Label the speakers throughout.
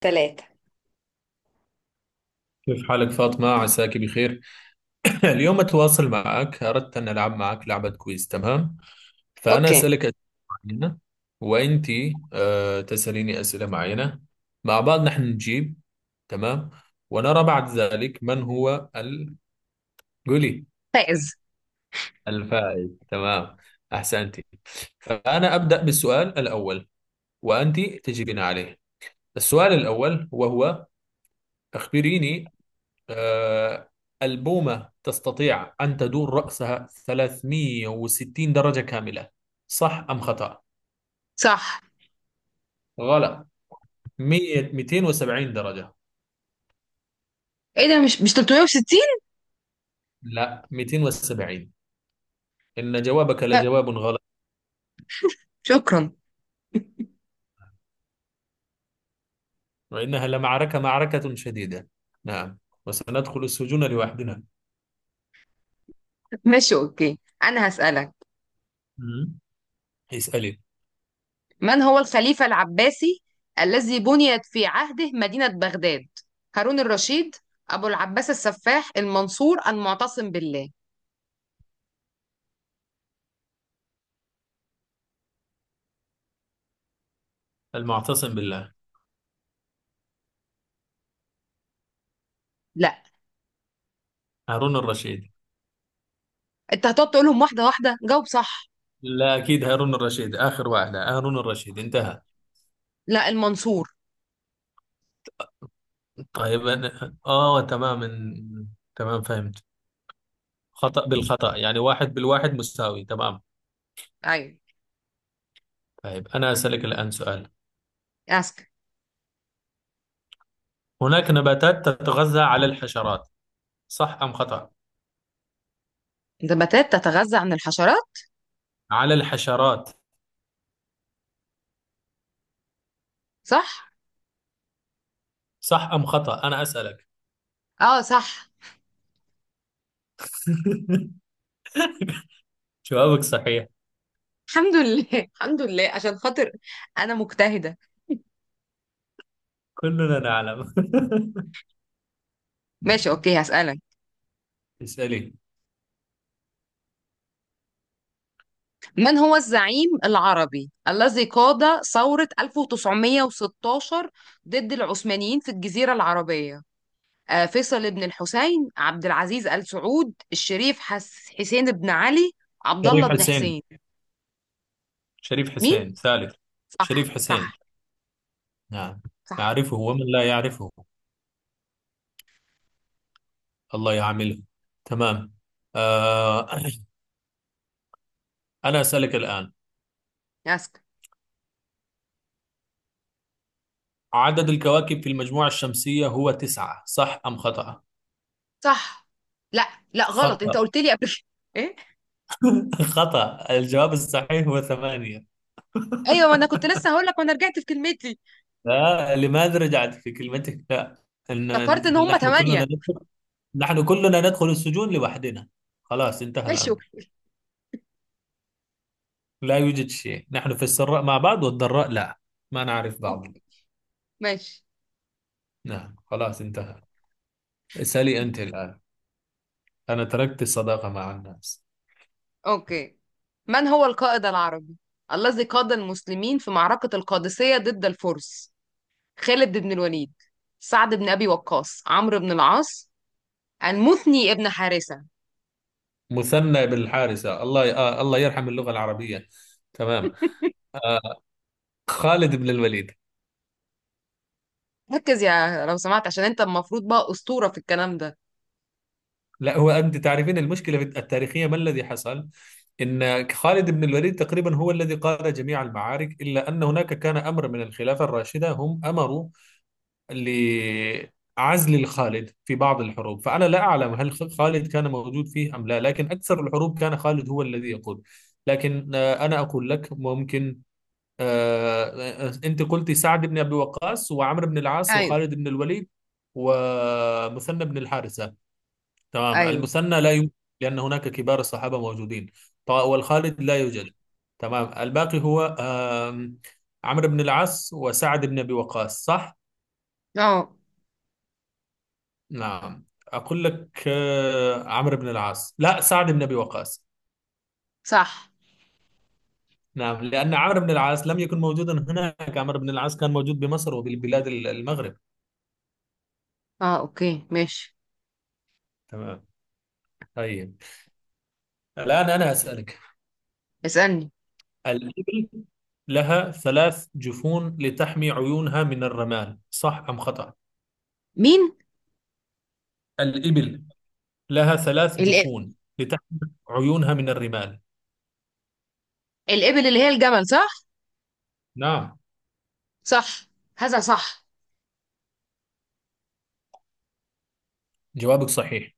Speaker 1: تلاتة.
Speaker 2: كيف حالك فاطمة عساك بخير. اليوم أتواصل معك، أردت أن ألعب معك لعبة كويز، تمام؟ فأنا
Speaker 1: اوكي.
Speaker 2: أسألك أسئلة معينة، وأنت تسأليني أسئلة معينة، مع بعض نحن نجيب، تمام، ونرى بعد ذلك من هو قولي الفائز. تمام، أحسنتي. فأنا أبدأ بالسؤال الأول وأنت تجيبين عليه. السؤال الأول وهو أخبريني، آه، البومة تستطيع أن تدور رأسها 360 درجة كاملة، صح أم خطأ؟
Speaker 1: صح.
Speaker 2: غلط، 100 270 درجة.
Speaker 1: ايه ده مش 360.
Speaker 2: لا، 270. إن جوابك لجواب غلط،
Speaker 1: شكرا.
Speaker 2: وإنها لمعركة معركة شديدة. نعم، وسندخل السجون لوحدنا.
Speaker 1: ماشي اوكي، انا هسألك:
Speaker 2: مم. اسألي.
Speaker 1: من هو الخليفة العباسي الذي بنيت في عهده مدينة بغداد؟ هارون الرشيد، ابو العباس السفاح، المنصور، المعتصم بالله.
Speaker 2: المعتصم بالله.
Speaker 1: لا.
Speaker 2: هارون الرشيد.
Speaker 1: انت هتقعد تقولهم واحدة واحدة، جاوب صح.
Speaker 2: لا أكيد هارون الرشيد، آخر واحدة هارون الرشيد، انتهى.
Speaker 1: لا، المنصور.
Speaker 2: طيب، أنا آه تمام، تمام فهمت. خطأ بالخطأ يعني، واحد بالواحد، مساوي، تمام.
Speaker 1: ايوه.
Speaker 2: طيب أنا أسألك الآن سؤال.
Speaker 1: اسكت.
Speaker 2: هناك نباتات تتغذى على الحشرات، صح أم خطأ؟
Speaker 1: نباتات تتغذى عن الحشرات؟
Speaker 2: على الحشرات.
Speaker 1: صح.
Speaker 2: صح أم خطأ، أنا أسألك.
Speaker 1: اه صح.
Speaker 2: جوابك صحيح.
Speaker 1: الحمد لله. الحمد لله عشان خاطر انا مجتهدة.
Speaker 2: كلنا نعلم.
Speaker 1: ماشي اوكي، هسألك:
Speaker 2: اسألي.
Speaker 1: من هو الزعيم العربي الذي قاد ثورة 1916 ضد العثمانيين في الجزيرة العربية؟ فيصل بن الحسين، عبد العزيز آل سعود، الشريف حسين بن علي، عبد الله
Speaker 2: شريف
Speaker 1: بن
Speaker 2: حسين،
Speaker 1: حسين.
Speaker 2: شريف
Speaker 1: مين؟
Speaker 2: حسين ثالث.
Speaker 1: صح
Speaker 2: شريف حسين،
Speaker 1: صح
Speaker 2: نعم.
Speaker 1: صح.
Speaker 2: يعرفه ومن لا يعرفه، الله يعامله. تمام، آه أنا أسألك الآن،
Speaker 1: ياسك.
Speaker 2: عدد الكواكب في المجموعة الشمسية هو تسعة، صح أم خطأ؟
Speaker 1: صح. لا. لا غلط،
Speaker 2: خطأ.
Speaker 1: انت قلت لي قبل كده. ايه.
Speaker 2: خطأ، الجواب الصحيح هو ثمانية.
Speaker 1: ايوه، ما انا كنت لسه هقول لك وانا رجعت في كلمتي.
Speaker 2: لا، لماذا رجعت في كلمتك؟ لا، إن
Speaker 1: افتكرت ان هم
Speaker 2: نحن كلنا
Speaker 1: ثمانية.
Speaker 2: ندخل نحن كلنا ندخل السجون لوحدنا، خلاص انتهى
Speaker 1: ماشي
Speaker 2: الأمر.
Speaker 1: اوكي.
Speaker 2: لا يوجد شيء، نحن في السراء مع بعض والضراء لا، ما نعرف بعض.
Speaker 1: أوكي. ماشي
Speaker 2: نعم، خلاص انتهى. اسألي أنت الآن، أنا تركت الصداقة مع الناس.
Speaker 1: أوكي. من هو القائد العربي الذي قاد المسلمين في معركة القادسية ضد الفرس؟ خالد بن الوليد، سعد بن أبي وقاص، عمرو بن العاص، المثني ابن حارثة.
Speaker 2: مثنى بالحارثة، الله، آه الله يرحم اللغة العربية. تمام، آه، خالد بن الوليد.
Speaker 1: ركز يا لو سمحت، عشان انت المفروض بقى أسطورة في الكلام ده.
Speaker 2: لا، هو أنت تعرفين المشكلة التاريخية، ما الذي حصل؟ إن خالد بن الوليد تقريبا هو الذي قاد جميع المعارك، إلا أن هناك كان أمر من الخلافة الراشدة، هم أمروا لعزل الخالد في بعض الحروب، فأنا لا أعلم هل خالد كان موجود فيه أم لا، لكن أكثر الحروب كان خالد هو الذي يقود. لكن أنا أقول لك ممكن، آه، أنت قلتي سعد بن أبي وقاص وعمرو بن العاص
Speaker 1: ايوه.
Speaker 2: وخالد بن الوليد ومثنى بن الحارثة. تمام،
Speaker 1: ايوه.
Speaker 2: المثنى لا يوجد، لأن هناك كبار الصحابة موجودين. والخالد لا يوجد. تمام، الباقي هو عمرو بن العاص وسعد بن أبي وقاص، صح؟
Speaker 1: اه.
Speaker 2: نعم، أقول لك، عمرو بن العاص لا، سعد بن أبي وقاص.
Speaker 1: صح.
Speaker 2: نعم، لأن عمرو بن العاص لم يكن موجودا هناك، عمرو بن العاص كان موجود بمصر وبالبلاد المغرب.
Speaker 1: اه اوكي ماشي.
Speaker 2: تمام. طيب، الآن أنا أسألك،
Speaker 1: اسألني.
Speaker 2: الإبل لها ثلاث جفون لتحمي عيونها من الرمال، صح أم خطأ؟
Speaker 1: مين؟
Speaker 2: الإبل لها ثلاث
Speaker 1: الإب-
Speaker 2: جفون لتحمل عيونها من الرمال.
Speaker 1: الإبل اللي هي الجمل، صح؟
Speaker 2: نعم،
Speaker 1: صح. هذا صح.
Speaker 2: جوابك صحيح.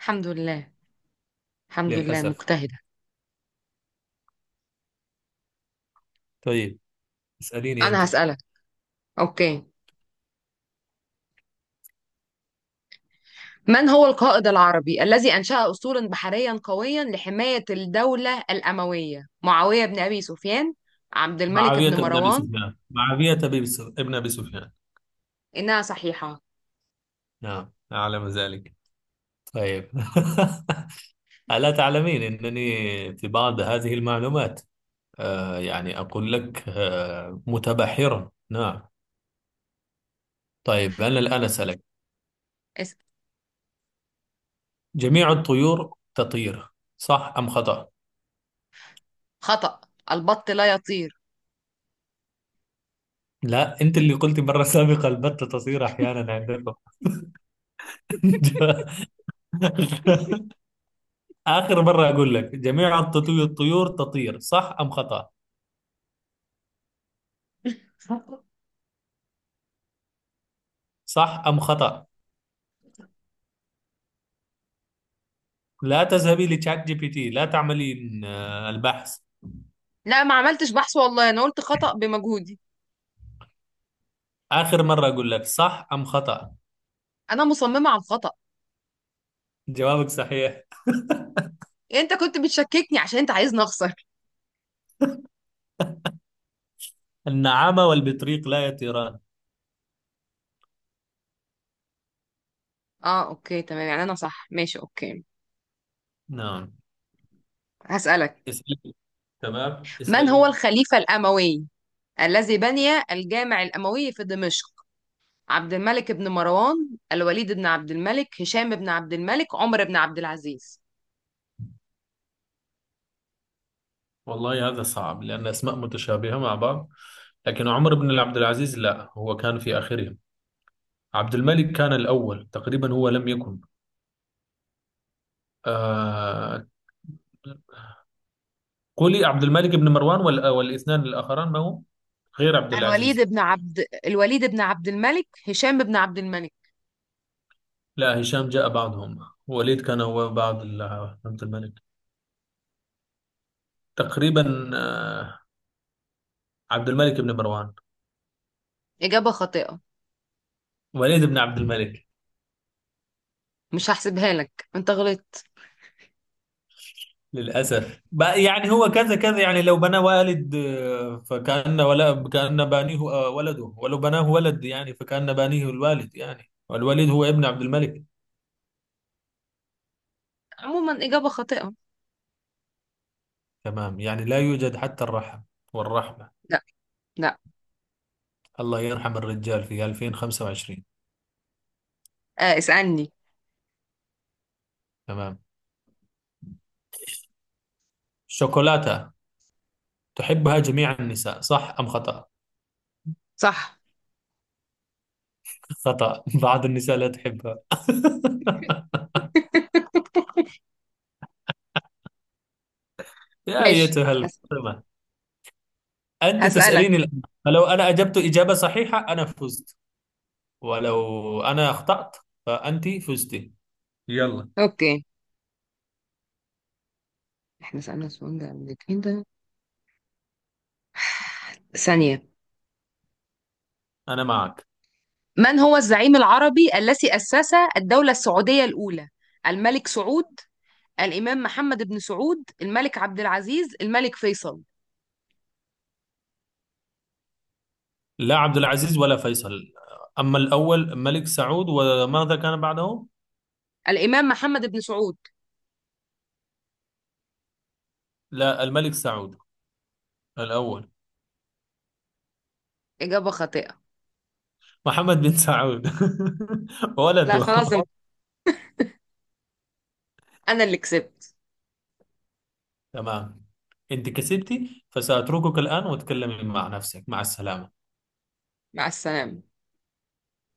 Speaker 1: الحمد لله. الحمد لله
Speaker 2: للأسف.
Speaker 1: مجتهدة.
Speaker 2: طيب، اسأليني أنت.
Speaker 1: أنا هسألك. أوكي. من هو القائد العربي الذي أنشأ أسطولا بحريا قويا لحماية الدولة الأموية؟ معاوية بن أبي سفيان، عبد الملك
Speaker 2: معاوية
Speaker 1: بن
Speaker 2: بن أبي
Speaker 1: مروان.
Speaker 2: سفيان، معاوية بن ابن أبي سفيان.
Speaker 1: إنها صحيحة.
Speaker 2: نعم، أعلم ذلك. طيب، ألا تعلمين أنني في بعض هذه المعلومات، آه يعني أقول لك آه متبحرا، نعم. طيب أنا الآن أسألك،
Speaker 1: اس-
Speaker 2: جميع الطيور تطير، صح أم خطأ؟
Speaker 1: خطأ، البط لا يطير.
Speaker 2: لا، أنت اللي قلت مرة سابقة البتة تطير أحيانا عندكم. آخر مرة أقول لك، جميع الطيور تطير، صح أم خطأ؟ صح أم خطأ؟ لا تذهبي لتشات جي بي تي، لا تعملين البحث.
Speaker 1: لا ما عملتش بحث والله، أنا قلت خطأ بمجهودي.
Speaker 2: آخر مرة أقول لك، صح أم خطأ؟
Speaker 1: أنا مصممة على الخطأ.
Speaker 2: جوابك صحيح،
Speaker 1: أنت كنت بتشككني عشان أنت عايزني أخسر.
Speaker 2: النعامة والبطريق لا يطيران.
Speaker 1: أه أوكي تمام، يعني أنا صح، ماشي أوكي.
Speaker 2: نعم،
Speaker 1: هسألك:
Speaker 2: اسألي. تمام،
Speaker 1: من هو
Speaker 2: اسألي.
Speaker 1: الخليفة الأموي الذي بني الجامع الأموي في دمشق؟ عبد الملك بن مروان، الوليد بن عبد الملك، هشام بن عبد الملك، عمر بن عبد العزيز.
Speaker 2: والله هذا صعب، لأن أسماء متشابهة مع بعض. لكن عمر بن عبد العزيز لا، هو كان في آخرهم. عبد الملك كان الأول تقريبا، هو لم يكن، آه قولي عبد الملك بن مروان والاثنان الآخران ما هو غير عبد
Speaker 1: الوليد
Speaker 2: العزيز.
Speaker 1: بن عبد الوليد بن عبد الملك، هشام بن عبد الملك.
Speaker 2: لا، هشام جاء بعدهم، وليد كان هو بعد عبد الملك تقريبا. عبد الملك بن مروان.
Speaker 1: إجابة خاطئة.
Speaker 2: وليد بن عبد الملك.
Speaker 1: مش هحسبها لك، انت غلطت.
Speaker 2: للأسف بقى، يعني هو كذا كذا، يعني لو بنى والد، فكأن ولا كأن بانيه، ولده، ولو بناه ولد يعني فكأن بانيه الوالد، يعني والوليد هو ابن عبد الملك.
Speaker 1: عموما إجابة خاطئة.
Speaker 2: تمام، يعني لا يوجد حتى الرحم والرحمة،
Speaker 1: لا. لا.
Speaker 2: الله يرحم الرجال في 2025.
Speaker 1: آه اسألني.
Speaker 2: تمام، شوكولاتة تحبها جميع النساء، صح أم خطأ؟
Speaker 1: صح.
Speaker 2: خطأ، بعض النساء لا تحبها. يا
Speaker 1: ماشي.
Speaker 2: أيتها الفاطمة، أنت
Speaker 1: هسألك.
Speaker 2: تسأليني الآن، فلو أنا أجبت إجابة صحيحة أنا فزت، ولو أنا أخطأت فأنت فزتي. يلا،
Speaker 1: اوكي. احنا سألنا السؤال ده قبل كده. ثانية.
Speaker 2: أنا معك.
Speaker 1: من هو الزعيم العربي الذي أسس الدولة السعودية الأولى؟ الملك سعود، الإمام محمد بن سعود، الملك عبد العزيز، الملك فيصل.
Speaker 2: لا عبد العزيز ولا فيصل، أما الأول ملك سعود، وماذا كان بعده؟
Speaker 1: الإمام محمد بن سعود.
Speaker 2: لا، الملك سعود الأول.
Speaker 1: إجابة خاطئة.
Speaker 2: محمد بن سعود،
Speaker 1: لا
Speaker 2: ولده.
Speaker 1: خلاص، أنا أنا اللي كسبت.
Speaker 2: تمام، أنت كسبتي، فسأتركك الآن وتكلمي مع نفسك، مع السلامة.
Speaker 1: مع السلامة.